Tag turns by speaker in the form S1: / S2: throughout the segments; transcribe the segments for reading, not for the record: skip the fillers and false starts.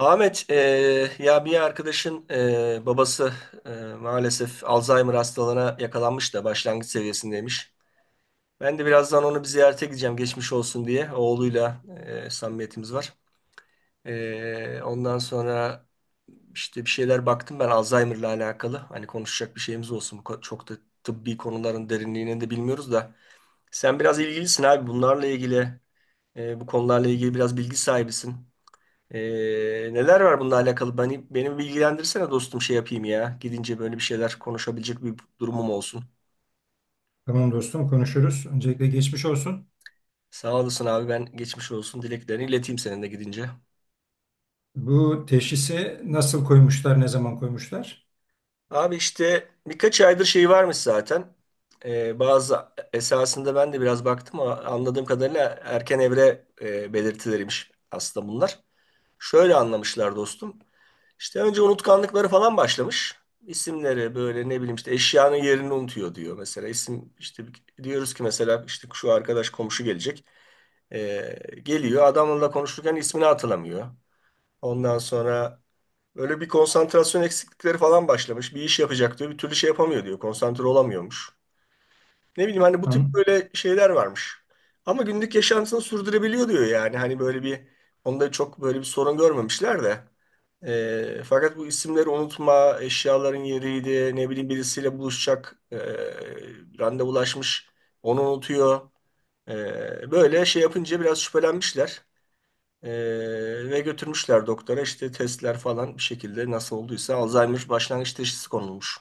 S1: Ahmet, ya bir arkadaşın babası e, maalesef Alzheimer hastalığına yakalanmış da başlangıç seviyesindeymiş. Ben de birazdan onu bir ziyarete gideceğim geçmiş olsun diye. Oğluyla samimiyetimiz var. Ondan sonra işte bir şeyler baktım ben Alzheimer'la alakalı. Hani konuşacak bir şeyimiz olsun. Çok da tıbbi konuların derinliğini de bilmiyoruz da. Sen biraz ilgilisin abi bunlarla ilgili, bu konularla ilgili biraz bilgi sahibisin. Neler var bununla alakalı? Beni bilgilendirsene dostum şey yapayım ya. Gidince böyle bir şeyler konuşabilecek bir durumum olsun.
S2: Tamam dostum konuşuruz. Öncelikle geçmiş olsun.
S1: Sağ olasın abi, ben geçmiş olsun dileklerini ileteyim senin de gidince.
S2: Bu teşhisi nasıl koymuşlar, ne zaman koymuşlar?
S1: Abi işte birkaç aydır şey varmış zaten. Bazı Esasında ben de biraz baktım ama anladığım kadarıyla erken evre belirtileriymiş aslında bunlar. Şöyle anlamışlar dostum. İşte önce unutkanlıkları falan başlamış. İsimleri böyle ne bileyim işte eşyanın yerini unutuyor diyor. Mesela İsim işte diyoruz ki mesela işte şu arkadaş komşu gelecek. Geliyor adamla konuşurken ismini hatırlamıyor. Ondan sonra böyle bir konsantrasyon eksiklikleri falan başlamış. Bir iş yapacak diyor. Bir türlü şey yapamıyor diyor. Konsantre olamıyormuş. Ne bileyim hani bu tip
S2: An-
S1: böyle şeyler varmış. Ama günlük yaşantısını sürdürebiliyor diyor yani. Hani böyle bir onda çok böyle bir sorun görmemişler de. Fakat bu isimleri unutma, eşyaların yeriydi, ne bileyim birisiyle buluşacak, randevulaşmış, onu unutuyor. Böyle şey yapınca biraz şüphelenmişler. Ve götürmüşler doktora işte testler falan bir şekilde nasıl olduysa Alzheimer başlangıç teşhisi konulmuş.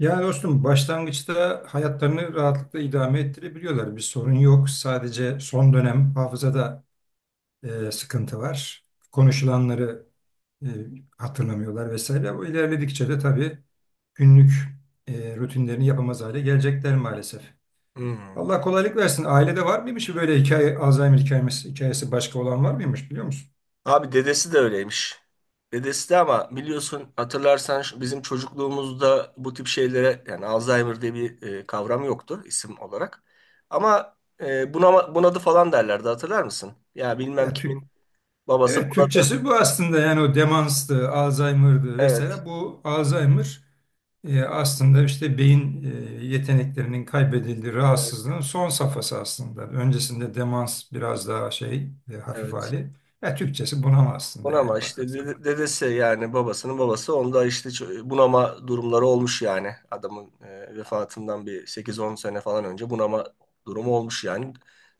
S2: Ya dostum başlangıçta hayatlarını rahatlıkla idame ettirebiliyorlar. Bir sorun yok. Sadece son dönem hafızada sıkıntı var. Konuşulanları e, hatırlamıyorlar vesaire. Bu ilerledikçe de tabii günlük rutinlerini yapamaz hale gelecekler maalesef.
S1: Hmm.
S2: Allah kolaylık versin. Ailede var mıymış böyle hikaye, Alzheimer hikayesi, hikayesi başka olan var mıymış biliyor musun?
S1: Abi dedesi de öyleymiş. Dedesi de ama biliyorsun hatırlarsan bizim çocukluğumuzda bu tip şeylere yani Alzheimer diye bir kavram yoktu isim olarak. Ama bunama, bunadı falan derlerdi hatırlar mısın? Ya bilmem
S2: Ya
S1: kimin
S2: Türk,
S1: babası
S2: evet
S1: bunadı.
S2: Türkçesi bu aslında, yani o demanstı, Alzheimer'dı
S1: Evet,
S2: vesaire. Bu Alzheimer aslında işte beyin yeteneklerinin kaybedildiği rahatsızlığın son safhası aslında. Öncesinde demans biraz daha şey, hafif
S1: evet.
S2: hali. Ya Türkçesi bunama aslında
S1: Bunama
S2: yani
S1: işte
S2: bakarsan.
S1: dedesi yani babasının babası onda işte bunama durumları olmuş yani. Adamın vefatından bir 8-10 sene falan önce bunama durumu olmuş yani.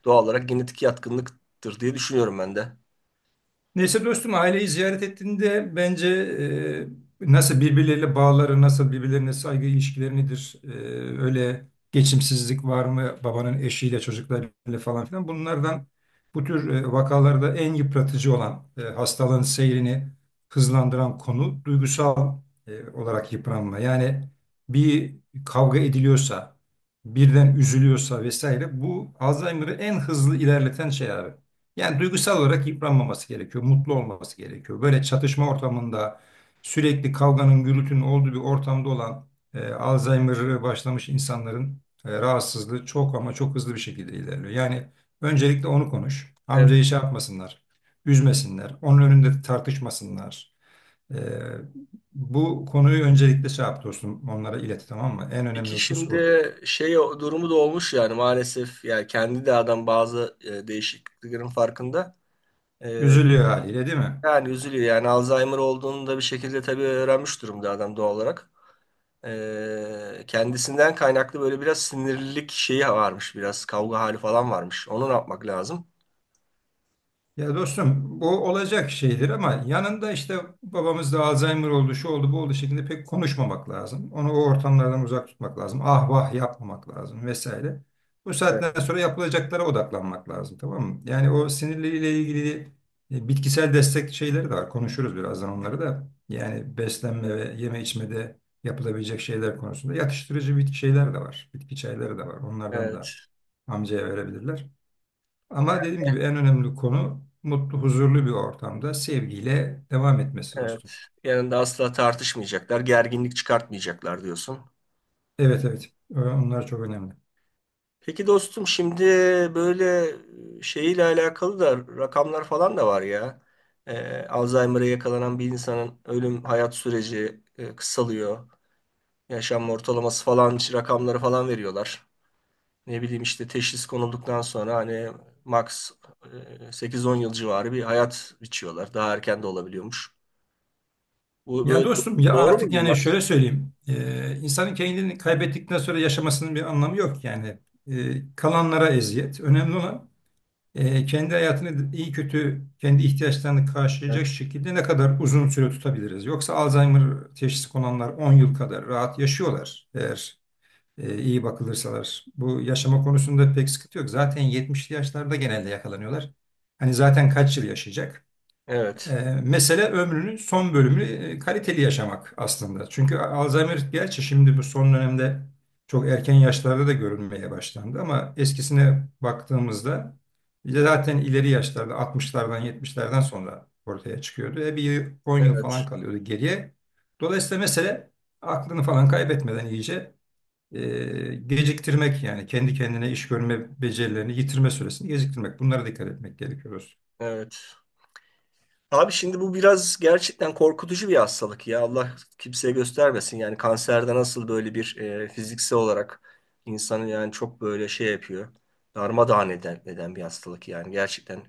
S1: Doğal olarak genetik yatkınlıktır diye düşünüyorum ben de.
S2: Neyse dostum, aileyi ziyaret ettiğinde bence nasıl birbirleriyle bağları, nasıl birbirlerine saygı ilişkileri nedir, öyle geçimsizlik var mı babanın eşiyle çocuklarıyla falan filan, bunlardan bu tür vakalarda en yıpratıcı olan hastalığın seyrini hızlandıran konu duygusal olarak yıpranma. Yani bir kavga ediliyorsa, birden üzülüyorsa vesaire, bu Alzheimer'ı en hızlı ilerleten şey abi. Yani duygusal olarak yıpranmaması gerekiyor, mutlu olması gerekiyor. Böyle çatışma ortamında sürekli kavganın, gürültünün olduğu bir ortamda olan Alzheimer'ı başlamış insanların rahatsızlığı çok ama çok hızlı bir şekilde ilerliyor. Yani öncelikle onu konuş.
S1: Evet.
S2: Amcayı şey yapmasınlar, üzmesinler, onun önünde tartışmasınlar. E, Bu konuyu öncelikle şey yap dostum, onlara ilet, tamam mı? En önemli
S1: İki
S2: husus bu.
S1: şimdi şey durumu da olmuş yani maalesef yani kendi de adam bazı değişikliklerin farkında. E,
S2: Üzülüyor haliyle, değil mi?
S1: Yani üzülüyor yani Alzheimer olduğunu da bir şekilde tabii öğrenmiş durumda adam doğal olarak. Kendisinden kaynaklı böyle biraz sinirlilik şeyi varmış. Biraz kavga hali falan varmış. Onu ne yapmak lazım?
S2: Ya dostum, bu olacak şeydir ama yanında işte babamızda Alzheimer oldu, şu oldu, bu oldu şeklinde pek konuşmamak lazım. Onu o ortamlardan uzak tutmak lazım. Ah vah yapmamak lazım vesaire. Bu saatten
S1: Evet.
S2: sonra yapılacaklara odaklanmak lazım, tamam mı? Yani o sinirleriyle ilgili bitkisel destek şeyleri de var. Konuşuruz birazdan onları da. Yani beslenme ve yeme içmede yapılabilecek şeyler konusunda yatıştırıcı bitki şeyler de var. Bitki çayları da var. Onlardan da
S1: Evet,
S2: amcaya verebilirler. Ama dediğim gibi en önemli konu mutlu, huzurlu bir ortamda sevgiyle devam etmesi dostum.
S1: evet. Yanında asla tartışmayacaklar, gerginlik çıkartmayacaklar diyorsun.
S2: Evet, evet. Onlar çok önemli.
S1: Peki dostum şimdi böyle şeyle alakalı da rakamlar falan da var ya. Alzheimer'a yakalanan bir insanın ölüm hayat süreci kısalıyor. Yaşam ortalaması falan rakamları falan veriyorlar. Ne bileyim işte teşhis konulduktan sonra hani max 8-10 yıl civarı bir hayat biçiyorlar. Daha erken de olabiliyormuş. Bu
S2: Ya
S1: böyle
S2: dostum, ya
S1: doğru mu
S2: artık yani
S1: bunlar?
S2: şöyle söyleyeyim. İnsanın kendini kaybettikten sonra yaşamasının bir anlamı yok yani. Kalanlara eziyet. Önemli olan kendi hayatını iyi kötü kendi ihtiyaçlarını karşılayacak
S1: Evet.
S2: şekilde ne kadar uzun süre tutabiliriz. Yoksa Alzheimer teşhisi konanlar 10 yıl kadar rahat yaşıyorlar eğer iyi bakılırsalar. Bu yaşama konusunda pek sıkıntı yok. Zaten 70'li yaşlarda genelde yakalanıyorlar. Hani zaten kaç yıl yaşayacak? E,
S1: Evet.
S2: Mesele ömrünün son bölümünü kaliteli yaşamak aslında. Çünkü Alzheimer, gerçi şimdi bu son dönemde çok erken yaşlarda da görülmeye başlandı, ama eskisine baktığımızda ya zaten ileri yaşlarda 60'lardan 70'lerden sonra ortaya çıkıyordu. E bir yıl, 10 yıl falan
S1: Evet.
S2: kalıyordu geriye. Dolayısıyla mesele aklını falan kaybetmeden iyice geciktirmek, yani kendi kendine iş görme becerilerini yitirme süresini geciktirmek. Bunlara dikkat etmek gerekiyor dostum.
S1: Evet. Abi şimdi bu biraz gerçekten korkutucu bir hastalık ya. Allah kimseye göstermesin. Yani kanserde nasıl böyle bir fiziksel olarak insanı yani çok böyle şey yapıyor. Darmadağın eden bir hastalık yani. Gerçekten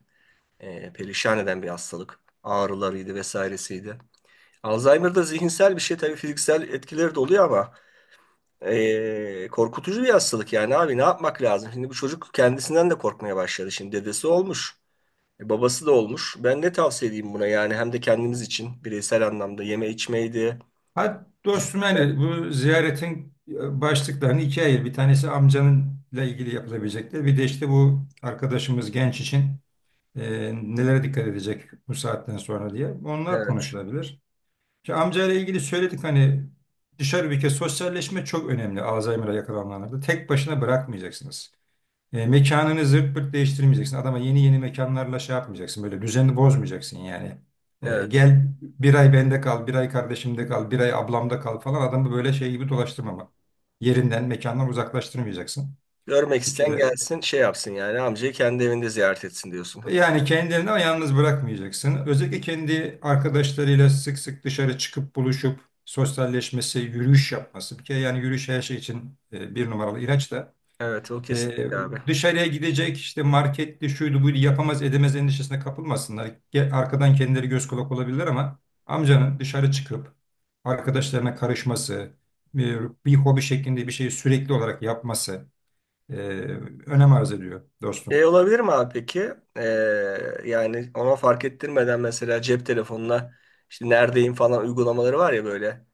S1: perişan eden bir hastalık. Ağrılarıydı vesairesiydi. Alzheimer'da zihinsel bir şey tabii fiziksel etkileri de oluyor ama korkutucu bir hastalık yani abi ne yapmak lazım? Şimdi bu çocuk kendisinden de korkmaya başladı. Şimdi dedesi olmuş, babası da olmuş. Ben ne tavsiye edeyim buna yani hem de kendimiz için bireysel anlamda yeme içmeydi.
S2: Hadi dostum,
S1: Zihinsel.
S2: yani bu ziyaretin başlıklarını ikiye ayır. Bir tanesi amcanınla ilgili yapılabilecekler. Bir de işte bu arkadaşımız genç için nelere dikkat edecek bu saatten sonra diye. Onlar
S1: Evet,
S2: konuşulabilir. Ki amcayla ilgili söyledik hani, dışarı bir kez sosyalleşme çok önemli Alzheimer'a yakalananlarda. Tek başına bırakmayacaksınız. Mekanını zırt pırt değiştirmeyeceksin. Adama yeni yeni mekanlarla şey yapmayacaksın. Böyle düzeni bozmayacaksın yani.
S1: evet.
S2: Gel bir ay bende kal, bir ay kardeşimde kal, bir ay ablamda kal falan. Adamı böyle şey gibi dolaştırmama. Yerinden, mekandan uzaklaştırmayacaksın.
S1: Görmek
S2: Bir
S1: isteyen
S2: kere.
S1: gelsin şey yapsın yani amcayı kendi evinde ziyaret etsin diyorsun.
S2: Yani kendini ama yalnız bırakmayacaksın. Özellikle kendi arkadaşlarıyla sık sık dışarı çıkıp buluşup sosyalleşmesi, yürüyüş yapması. Bir kere yani yürüyüş her şey için bir numaralı ilaç da.
S1: Evet o
S2: Ee,
S1: kesinlikle abi.
S2: Dışarıya gidecek işte marketli şuydu buydu yapamaz edemez endişesine kapılmasınlar. Arkadan kendileri göz kulak olabilirler, ama amcanın dışarı çıkıp arkadaşlarına karışması, bir hobi şeklinde bir şeyi sürekli olarak yapması e, önem arz ediyor
S1: Şey
S2: dostum.
S1: olabilir mi abi peki? Yani ona fark ettirmeden mesela cep telefonuna işte neredeyim falan uygulamaları var ya böyle.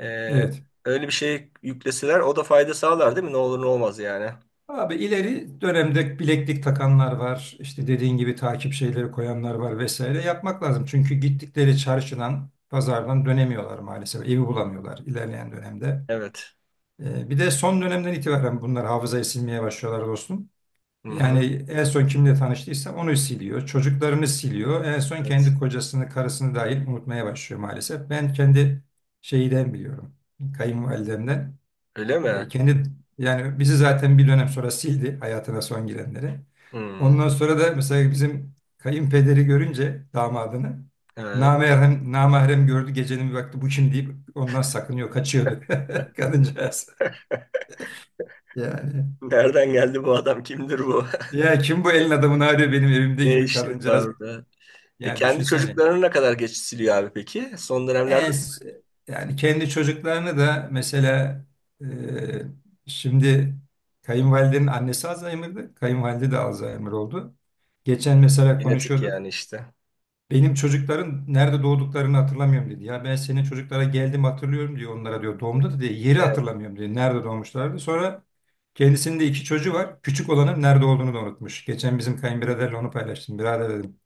S1: Ee,
S2: Evet.
S1: Öyle bir şey yükleseler o da fayda sağlar değil mi? Ne olur ne olmaz yani.
S2: Abi ileri dönemde bileklik takanlar var. İşte dediğin gibi takip şeyleri koyanlar var vesaire. Yapmak lazım. Çünkü gittikleri çarşıdan, pazardan dönemiyorlar maalesef. Evi bulamıyorlar ilerleyen dönemde.
S1: Evet.
S2: Bir de son dönemden itibaren bunlar hafızayı silmeye başlıyorlar dostum.
S1: Hı hı.
S2: Yani en son kimle tanıştıysa onu siliyor. Çocuklarını siliyor. En son kendi
S1: Evet.
S2: kocasını, karısını dahil unutmaya başlıyor maalesef. Ben kendi şeyden biliyorum. Kayınvalidemden.
S1: Öyle mi?
S2: Kendi, yani bizi zaten bir dönem sonra sildi hayatına son girenleri.
S1: Hmm.
S2: Ondan sonra da mesela bizim kayınpederi görünce damadını
S1: He.
S2: namahrem, namahrem gördü, gecenin bir vakti bu kim deyip ondan sakınıyor, kaçıyordu kadıncağız. Yani,
S1: Nereden geldi bu adam? Kimdir bu?
S2: ya kim bu elin adamını arıyor benim evimde,
S1: Ne
S2: gibi
S1: işi
S2: kadıncağız.
S1: orada? E
S2: Yani
S1: kendi
S2: düşünsene.
S1: çocuklarını ne kadar geç siliyor abi peki? Son dönemlerde
S2: En, s- Yani kendi çocuklarını da mesela e, şimdi kayınvalidenin annesi Alzheimer'dı. Kayınvalide de Alzheimer oldu. Geçen mesela
S1: genetik
S2: konuşuyorduk.
S1: yani işte.
S2: Benim çocukların nerede doğduklarını hatırlamıyorum dedi. Ya ben senin çocuklara geldim hatırlıyorum diyor onlara diyor. Doğumda da diyor yeri
S1: Evet.
S2: hatırlamıyorum diyor. Nerede doğmuşlardı. Sonra kendisinin de iki çocuğu var. Küçük olanın nerede olduğunu da unutmuş. Geçen bizim kayınbiraderle onu paylaştım. Birader dedim,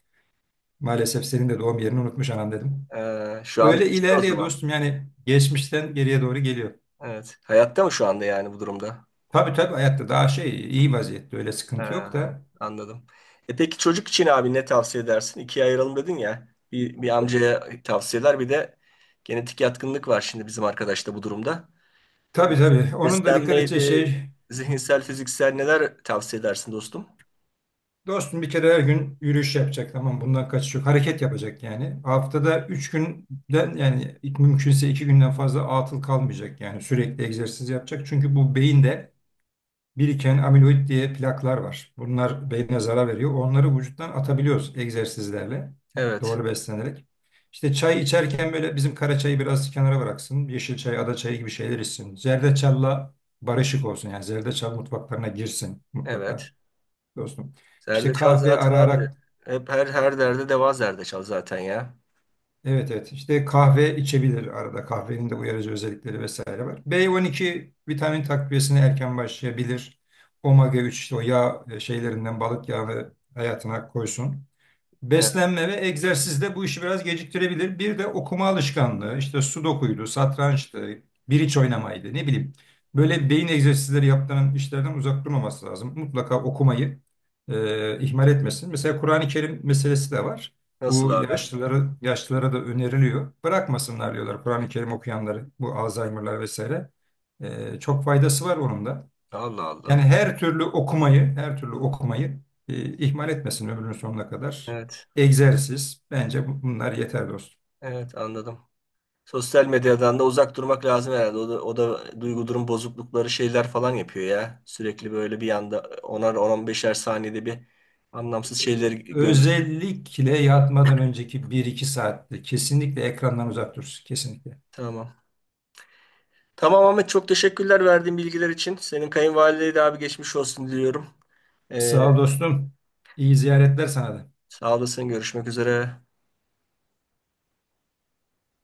S2: maalesef senin de doğum yerini unutmuş anam dedim.
S1: Şu anda
S2: Öyle
S1: gidiyor o
S2: ilerliyor
S1: zaman.
S2: dostum, yani geçmişten geriye doğru geliyor.
S1: Evet. Hayatta mı şu anda yani bu durumda?
S2: Tabii tabii, hayatta, daha şey iyi vaziyette, öyle sıkıntı yok
S1: Ha,
S2: da.
S1: anladım. E peki çocuk için abi ne tavsiye edersin? İkiye ayıralım dedin ya. Bir, amcaya tavsiyeler bir de genetik yatkınlık var şimdi bizim arkadaşta bu durumda.
S2: Tabii tabii, onun da dikkat edeceği
S1: Beslenmeydi,
S2: şey
S1: zihinsel, fiziksel neler tavsiye edersin dostum?
S2: dostum, bir kere her gün yürüyüş yapacak, tamam, bundan kaçış yok. Hareket yapacak yani. Haftada 3 günden, yani mümkünse 2 günden fazla atıl kalmayacak, yani sürekli egzersiz yapacak. Çünkü bu beyin de biriken amiloid diye plaklar var. Bunlar beyne zarar veriyor. Onları vücuttan atabiliyoruz egzersizlerle,
S1: Evet.
S2: doğru beslenerek. İşte çay içerken böyle bizim kara çayı biraz kenara bıraksın. Yeşil çay, ada çayı gibi şeyler içsin. Zerdeçalla barışık olsun. Yani zerdeçal mutfaklarına girsin mutlaka
S1: Evet.
S2: dostum. İşte
S1: Zerdeçal
S2: kahve
S1: zaten
S2: ara
S1: abi.
S2: ara.
S1: Hep her derde deva zerdeçal zaten ya.
S2: Evet, evet, işte kahve içebilir, arada kahvenin de uyarıcı özellikleri vesaire var. B12 vitamin takviyesine erken başlayabilir. Omega 3 işte o yağ şeylerinden balık yağını hayatına koysun.
S1: Evet.
S2: Beslenme ve egzersiz de bu işi biraz geciktirebilir. Bir de okuma alışkanlığı, işte sudokuydu, satrançtı, biriç oynamaydı, ne bileyim. Böyle beyin egzersizleri yaptıran işlerden uzak durmaması lazım. Mutlaka okumayı ihmal etmesin. Mesela Kur'an-ı Kerim meselesi de var.
S1: Nasıl
S2: Bu
S1: abi?
S2: yaşlılara, yaşlılara da öneriliyor. Bırakmasınlar diyorlar Kur'an-ı Kerim okuyanları, bu Alzheimer'lar vesaire. Çok faydası var onun da.
S1: Allah
S2: Yani
S1: Allah.
S2: her türlü okumayı, her türlü okumayı ihmal etmesin ömrünün sonuna kadar.
S1: Evet.
S2: Egzersiz, bence bunlar yeter dostum.
S1: Evet anladım. Sosyal medyadan da uzak durmak lazım herhalde. O da, duygu durum bozuklukları şeyler falan yapıyor ya. Sürekli böyle bir anda onar 10 beşer saniyede bir anlamsız şeyleri görüyor.
S2: Özellikle yatmadan önceki bir iki saatte kesinlikle ekrandan uzak dursun, kesinlikle.
S1: Tamam. Tamam Ahmet çok teşekkürler verdiğin bilgiler için. Senin kayınvalideye de abi geçmiş olsun diliyorum. Ee,
S2: Sağ ol dostum. İyi ziyaretler sana da.
S1: Sağ olasın. Görüşmek üzere.